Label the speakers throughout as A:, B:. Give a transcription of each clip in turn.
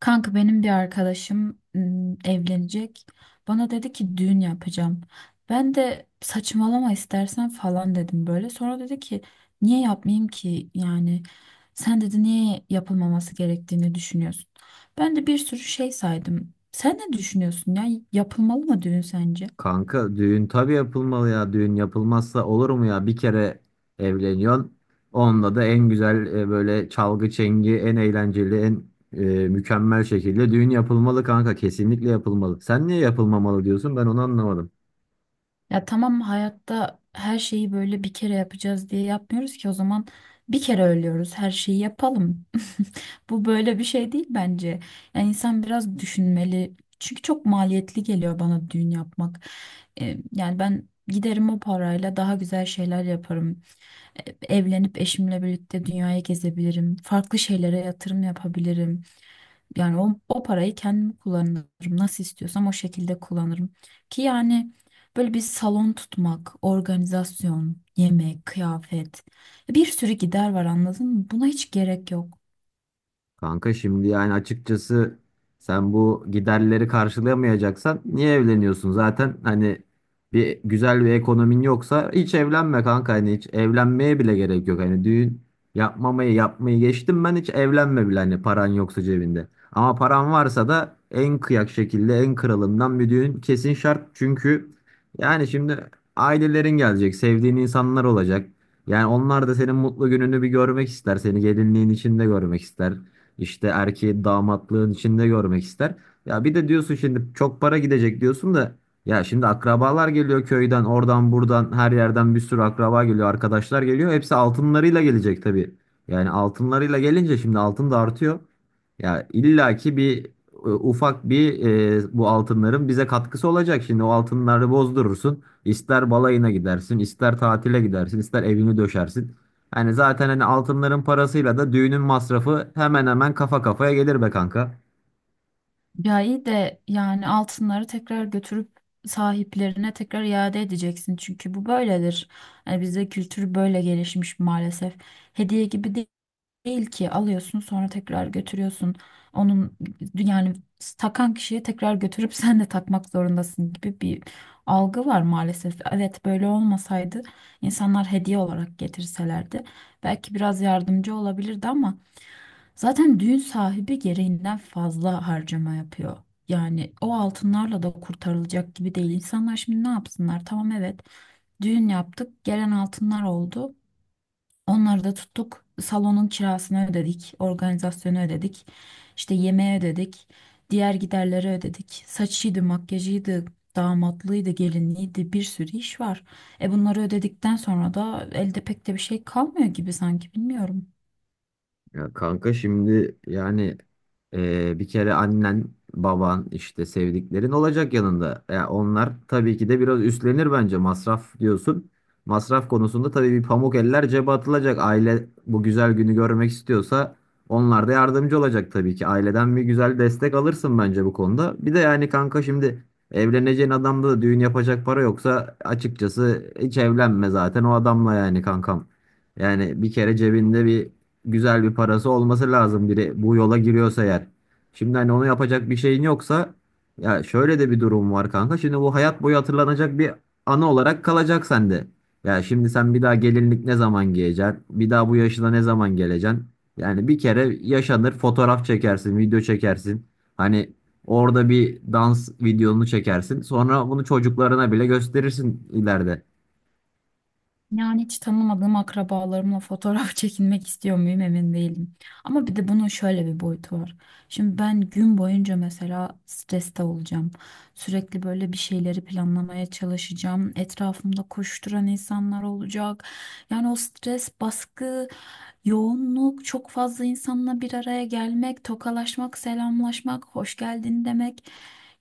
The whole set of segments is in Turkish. A: Kanka benim bir arkadaşım evlenecek. Bana dedi ki düğün yapacağım. Ben de saçmalama istersen falan dedim böyle. Sonra dedi ki niye yapmayayım ki yani sen dedi niye yapılmaması gerektiğini düşünüyorsun. Ben de bir sürü şey saydım. Sen ne düşünüyorsun ya, yapılmalı mı düğün sence?
B: Kanka düğün tabii yapılmalı ya. Düğün yapılmazsa olur mu ya? Bir kere evleniyorsun. Onunla da en güzel böyle çalgı çengi, en eğlenceli, en mükemmel şekilde düğün yapılmalı kanka. Kesinlikle yapılmalı. Sen niye yapılmamalı diyorsun? Ben onu anlamadım.
A: Ya tamam, hayatta her şeyi böyle bir kere yapacağız diye yapmıyoruz ki. O zaman bir kere ölüyoruz, her şeyi yapalım. Bu böyle bir şey değil bence. Yani insan biraz düşünmeli. Çünkü çok maliyetli geliyor bana düğün yapmak. Yani ben giderim, o parayla daha güzel şeyler yaparım. E, Evlenip eşimle birlikte dünyayı gezebilirim. Farklı şeylere yatırım yapabilirim. Yani o parayı kendim kullanırım. Nasıl istiyorsam o şekilde kullanırım. Ki yani böyle bir salon tutmak, organizasyon, yemek, kıyafet, bir sürü gider var, anladın mı? Buna hiç gerek yok.
B: Kanka şimdi yani açıkçası sen bu giderleri karşılayamayacaksan niye evleniyorsun? Zaten hani bir güzel bir ekonomin yoksa hiç evlenme kanka, hani hiç evlenmeye bile gerek yok. Hani düğün yapmamayı yapmayı geçtim, ben hiç evlenme bile hani, paran yoksa cebinde. Ama paran varsa da en kıyak şekilde, en kralından bir düğün kesin şart. Çünkü yani şimdi ailelerin gelecek, sevdiğin insanlar olacak. Yani onlar da senin mutlu gününü bir görmek ister, seni gelinliğin içinde görmek ister. İşte erkeği damatlığın içinde görmek ister. Ya bir de diyorsun şimdi çok para gidecek diyorsun da, ya şimdi akrabalar geliyor köyden, oradan buradan her yerden bir sürü akraba geliyor, arkadaşlar geliyor. Hepsi altınlarıyla gelecek tabii. Yani altınlarıyla gelince şimdi altın da artıyor. Ya illaki bir ufak bir bu altınların bize katkısı olacak. Şimdi o altınları bozdurursun. İster balayına gidersin, ister tatile gidersin, ister evini döşersin. Yani zaten hani altınların parasıyla da düğünün masrafı hemen hemen kafa kafaya gelir be kanka.
A: Ya iyi de, yani altınları tekrar götürüp sahiplerine tekrar iade edeceksin. Çünkü bu böyledir. Yani bizde kültür böyle gelişmiş maalesef. Hediye gibi değil. Değil ki alıyorsun sonra tekrar götürüyorsun. Onun yani takan kişiye tekrar götürüp sen de takmak zorundasın gibi bir algı var maalesef. Evet, böyle olmasaydı, insanlar hediye olarak getirselerdi, belki biraz yardımcı olabilirdi, ama zaten düğün sahibi gereğinden fazla harcama yapıyor. Yani o altınlarla da kurtarılacak gibi değil. İnsanlar şimdi ne yapsınlar? Tamam, evet, düğün yaptık, gelen altınlar oldu. Onları da tuttuk. Salonun kirasını ödedik, organizasyonu ödedik, işte yemeği ödedik, diğer giderleri ödedik. Saçıydı, makyajıydı, damatlığıydı, gelinliğiydi, bir sürü iş var. Bunları ödedikten sonra da elde pek de bir şey kalmıyor gibi, sanki bilmiyorum.
B: Ya kanka şimdi yani bir kere annen, baban, işte sevdiklerin olacak yanında. Ya onlar tabii ki de biraz üstlenir bence, masraf diyorsun. Masraf konusunda tabii bir pamuk eller cebe atılacak. Aile bu güzel günü görmek istiyorsa onlar da yardımcı olacak tabii ki. Aileden bir güzel destek alırsın bence bu konuda. Bir de yani kanka şimdi evleneceğin adamda da düğün yapacak para yoksa, açıkçası hiç evlenme zaten o adamla yani kankam. Yani bir kere cebinde bir güzel bir parası olması lazım biri bu yola giriyorsa eğer. Şimdi hani onu yapacak bir şeyin yoksa, ya şöyle de bir durum var kanka. Şimdi bu hayat boyu hatırlanacak bir anı olarak kalacak sende. Ya şimdi sen bir daha gelinlik ne zaman giyeceksin? Bir daha bu yaşına ne zaman geleceksin? Yani bir kere yaşanır, fotoğraf çekersin, video çekersin. Hani orada bir dans videonu çekersin. Sonra bunu çocuklarına bile gösterirsin ileride.
A: Yani hiç tanımadığım akrabalarımla fotoğraf çekinmek istiyor muyum emin değilim. Ama bir de bunun şöyle bir boyutu var. Şimdi ben gün boyunca mesela streste olacağım. Sürekli böyle bir şeyleri planlamaya çalışacağım. Etrafımda koşturan insanlar olacak. Yani o stres, baskı, yoğunluk, çok fazla insanla bir araya gelmek, tokalaşmak, selamlaşmak, hoş geldin demek.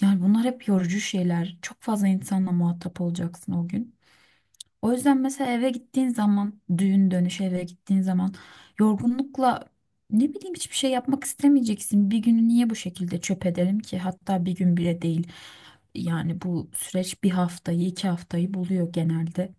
A: Yani bunlar hep yorucu şeyler. Çok fazla insanla muhatap olacaksın o gün. O yüzden mesela eve gittiğin zaman, düğün dönüşü eve gittiğin zaman, yorgunlukla, ne bileyim, hiçbir şey yapmak istemeyeceksin. Bir günü niye bu şekilde çöp ederim ki? Hatta bir gün bile değil. Yani bu süreç bir haftayı, iki haftayı buluyor genelde.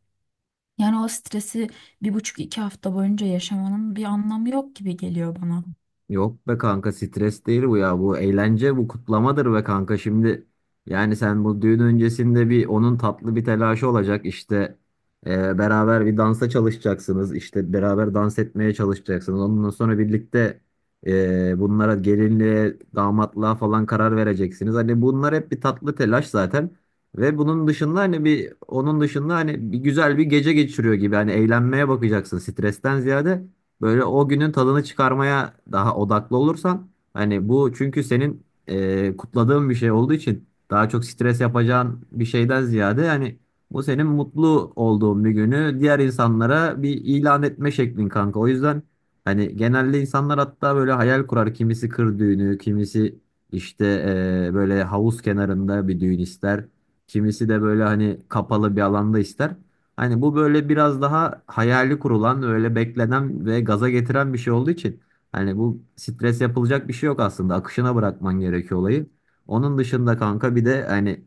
A: Yani o stresi bir buçuk, iki hafta boyunca yaşamanın bir anlamı yok gibi geliyor bana.
B: Yok be kanka, stres değil bu ya. Bu eğlence, bu kutlamadır be kanka. Şimdi yani sen bu düğün öncesinde bir, onun tatlı bir telaşı olacak. İşte beraber bir dansa çalışacaksınız. İşte beraber dans etmeye çalışacaksınız. Ondan sonra birlikte bunlara, gelinliğe, damatlığa falan karar vereceksiniz. Hani bunlar hep bir tatlı telaş zaten. Ve bunun dışında hani bir onun dışında hani bir güzel bir gece geçiriyor gibi. Hani eğlenmeye bakacaksın stresten ziyade. Böyle o günün tadını çıkarmaya daha odaklı olursan hani, bu çünkü senin kutladığın bir şey olduğu için daha çok stres yapacağın bir şeyden ziyade, hani bu senin mutlu olduğun bir günü diğer insanlara bir ilan etme şeklin kanka. O yüzden hani genelde insanlar hatta böyle hayal kurar, kimisi kır düğünü, kimisi işte böyle havuz kenarında bir düğün ister. Kimisi de böyle hani kapalı bir alanda ister. Hani bu böyle biraz daha hayali kurulan, öyle beklenen ve gaza getiren bir şey olduğu için hani bu stres yapılacak bir şey yok aslında. Akışına bırakman gerekiyor olayı. Onun dışında kanka bir de hani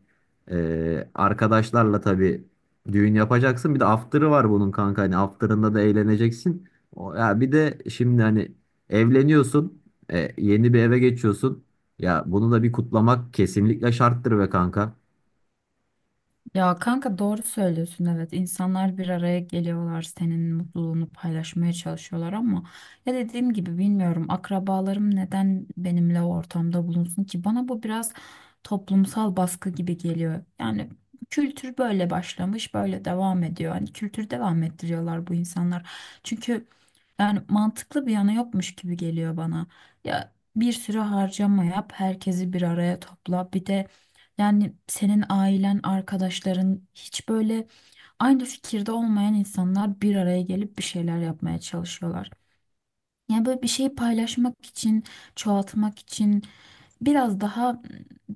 B: arkadaşlarla tabii düğün yapacaksın. Bir de after'ı var bunun kanka. Hani after'ında da eğleneceksin. O, ya bir de şimdi hani evleniyorsun, yeni bir eve geçiyorsun. Ya bunu da bir kutlamak kesinlikle şarttır be kanka.
A: Ya kanka, doğru söylüyorsun, evet, insanlar bir araya geliyorlar, senin mutluluğunu paylaşmaya çalışıyorlar, ama ya dediğim gibi bilmiyorum, akrabalarım neden benimle o ortamda bulunsun ki? Bana bu biraz toplumsal baskı gibi geliyor. Yani kültür böyle başlamış, böyle devam ediyor, hani kültür devam ettiriyorlar bu insanlar, çünkü yani mantıklı bir yanı yokmuş gibi geliyor bana. Ya bir sürü harcama yap, herkesi bir araya topla. Bir de yani senin ailen, arkadaşların, hiç böyle aynı fikirde olmayan insanlar bir araya gelip bir şeyler yapmaya çalışıyorlar. Yani böyle bir şeyi paylaşmak için, çoğaltmak için biraz daha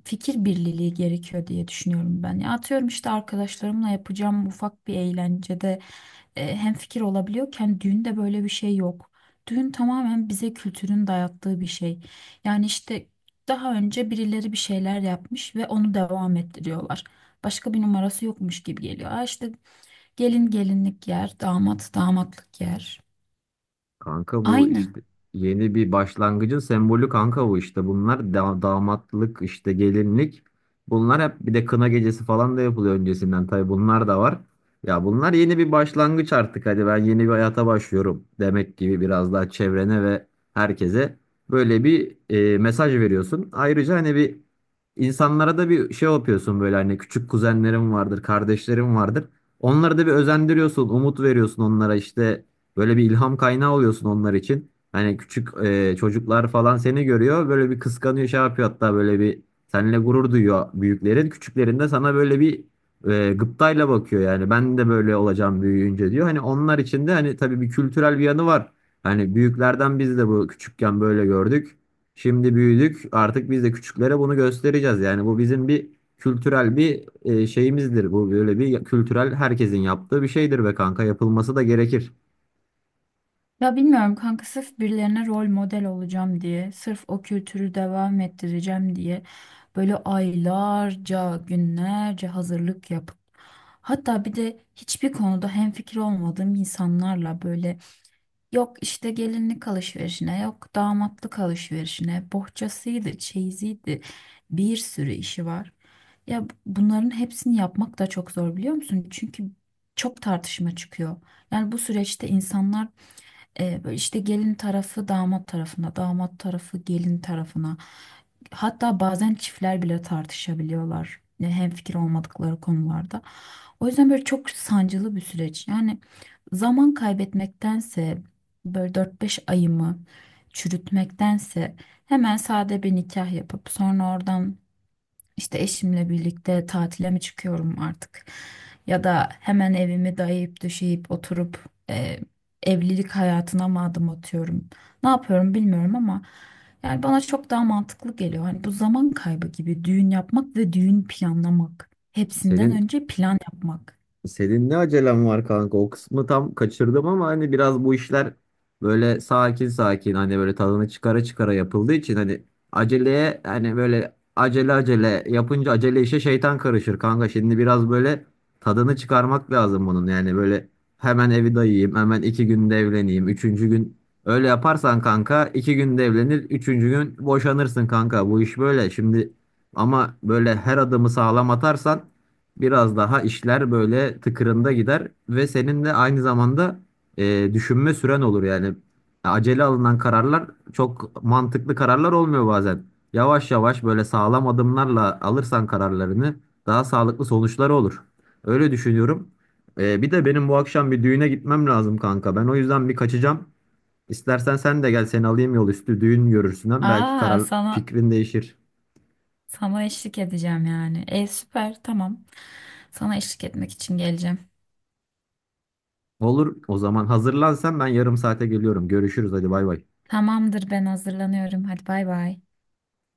A: fikir birliği gerekiyor diye düşünüyorum ben. Ya atıyorum işte, arkadaşlarımla yapacağım ufak bir eğlencede hem fikir olabiliyorken, düğünde böyle bir şey yok. Düğün tamamen bize kültürün dayattığı bir şey. Yani işte daha önce birileri bir şeyler yapmış ve onu devam ettiriyorlar. Başka bir numarası yokmuş gibi geliyor. Aa, işte, gelin gelinlik yer, damat damatlık yer.
B: Kanka bu
A: Aynı.
B: işte yeni bir başlangıcın sembolü kanka, bu işte. Bunlar da damatlık, işte gelinlik. Bunlar hep, bir de kına gecesi falan da yapılıyor öncesinden. Tabii bunlar da var. Ya bunlar yeni bir başlangıç artık. Hadi ben yeni bir hayata başlıyorum demek gibi, biraz daha çevrene ve herkese böyle bir mesaj veriyorsun. Ayrıca hani bir insanlara da bir şey yapıyorsun böyle, hani küçük kuzenlerim vardır, kardeşlerim vardır. Onları da bir özendiriyorsun, umut veriyorsun onlara, işte böyle bir ilham kaynağı oluyorsun onlar için. Hani küçük çocuklar falan seni görüyor. Böyle bir kıskanıyor, şey yapıyor, hatta böyle bir seninle gurur duyuyor büyüklerin. Küçüklerin de sana böyle bir gıptayla bakıyor yani. Ben de böyle olacağım büyüyünce diyor. Hani onlar için de hani tabii bir kültürel bir yanı var. Hani büyüklerden biz de bu küçükken böyle gördük. Şimdi büyüdük. Artık biz de küçüklere bunu göstereceğiz. Yani bu bizim bir kültürel bir şeyimizdir. Bu böyle bir kültürel, herkesin yaptığı bir şeydir be kanka. Yapılması da gerekir.
A: Ya bilmiyorum kanka, sırf birilerine rol model olacağım diye, sırf o kültürü devam ettireceğim diye böyle aylarca, günlerce hazırlık yapıp, hatta bir de hiçbir konuda hemfikir olmadığım insanlarla böyle, yok işte gelinlik alışverişine, yok damatlık alışverişine, bohçasıydı, çeyiziydi, bir sürü işi var. Ya bunların hepsini yapmak da çok zor, biliyor musun? Çünkü çok tartışma çıkıyor. Yani bu süreçte insanlar, böyle işte, gelin tarafı damat tarafına, damat tarafı gelin tarafına. Hatta bazen çiftler bile tartışabiliyorlar. Yani hemfikir olmadıkları konularda. O yüzden böyle çok sancılı bir süreç. Yani zaman kaybetmektense, böyle 4-5 ayımı çürütmektense, hemen sade bir nikah yapıp sonra oradan işte eşimle birlikte tatile mi çıkıyorum artık? Ya da hemen evimi dayayıp döşeyip oturup e, evlilik hayatına mı adım atıyorum? Ne yapıyorum bilmiyorum, ama yani bana çok daha mantıklı geliyor. Hani bu zaman kaybı gibi düğün yapmak ve düğün planlamak. Hepsinden
B: Senin
A: önce plan yapmak.
B: senin ne acelen var kanka? O kısmı tam kaçırdım ama hani biraz bu işler böyle sakin sakin, hani böyle tadını çıkara çıkara yapıldığı için, hani aceleye, hani böyle acele acele yapınca acele işe şeytan karışır kanka. Şimdi biraz böyle tadını çıkarmak lazım bunun. Yani böyle hemen evi dayayayım, hemen 2 günde evleneyim, üçüncü gün öyle yaparsan kanka, 2 günde evlenir, üçüncü gün boşanırsın kanka. Bu iş böyle. Şimdi ama böyle her adımı sağlam atarsan biraz daha işler böyle tıkırında gider, ve senin de aynı zamanda düşünme süren olur yani. Acele alınan kararlar çok mantıklı kararlar olmuyor bazen. Yavaş yavaş böyle sağlam adımlarla alırsan kararlarını, daha sağlıklı sonuçları olur. Öyle düşünüyorum. Bir de benim bu akşam bir düğüne gitmem lazım kanka. Ben o yüzden bir kaçacağım. İstersen sen de gel, seni alayım, yol üstü düğün görürsün. Hem belki
A: Aa,
B: karar
A: sana
B: fikrin değişir.
A: sana eşlik edeceğim yani. E süper, tamam. Sana eşlik etmek için geleceğim.
B: Olur, o zaman hazırlan sen, ben yarım saate geliyorum. Görüşürüz, hadi bay bay.
A: Tamamdır, ben hazırlanıyorum. Hadi bay bay.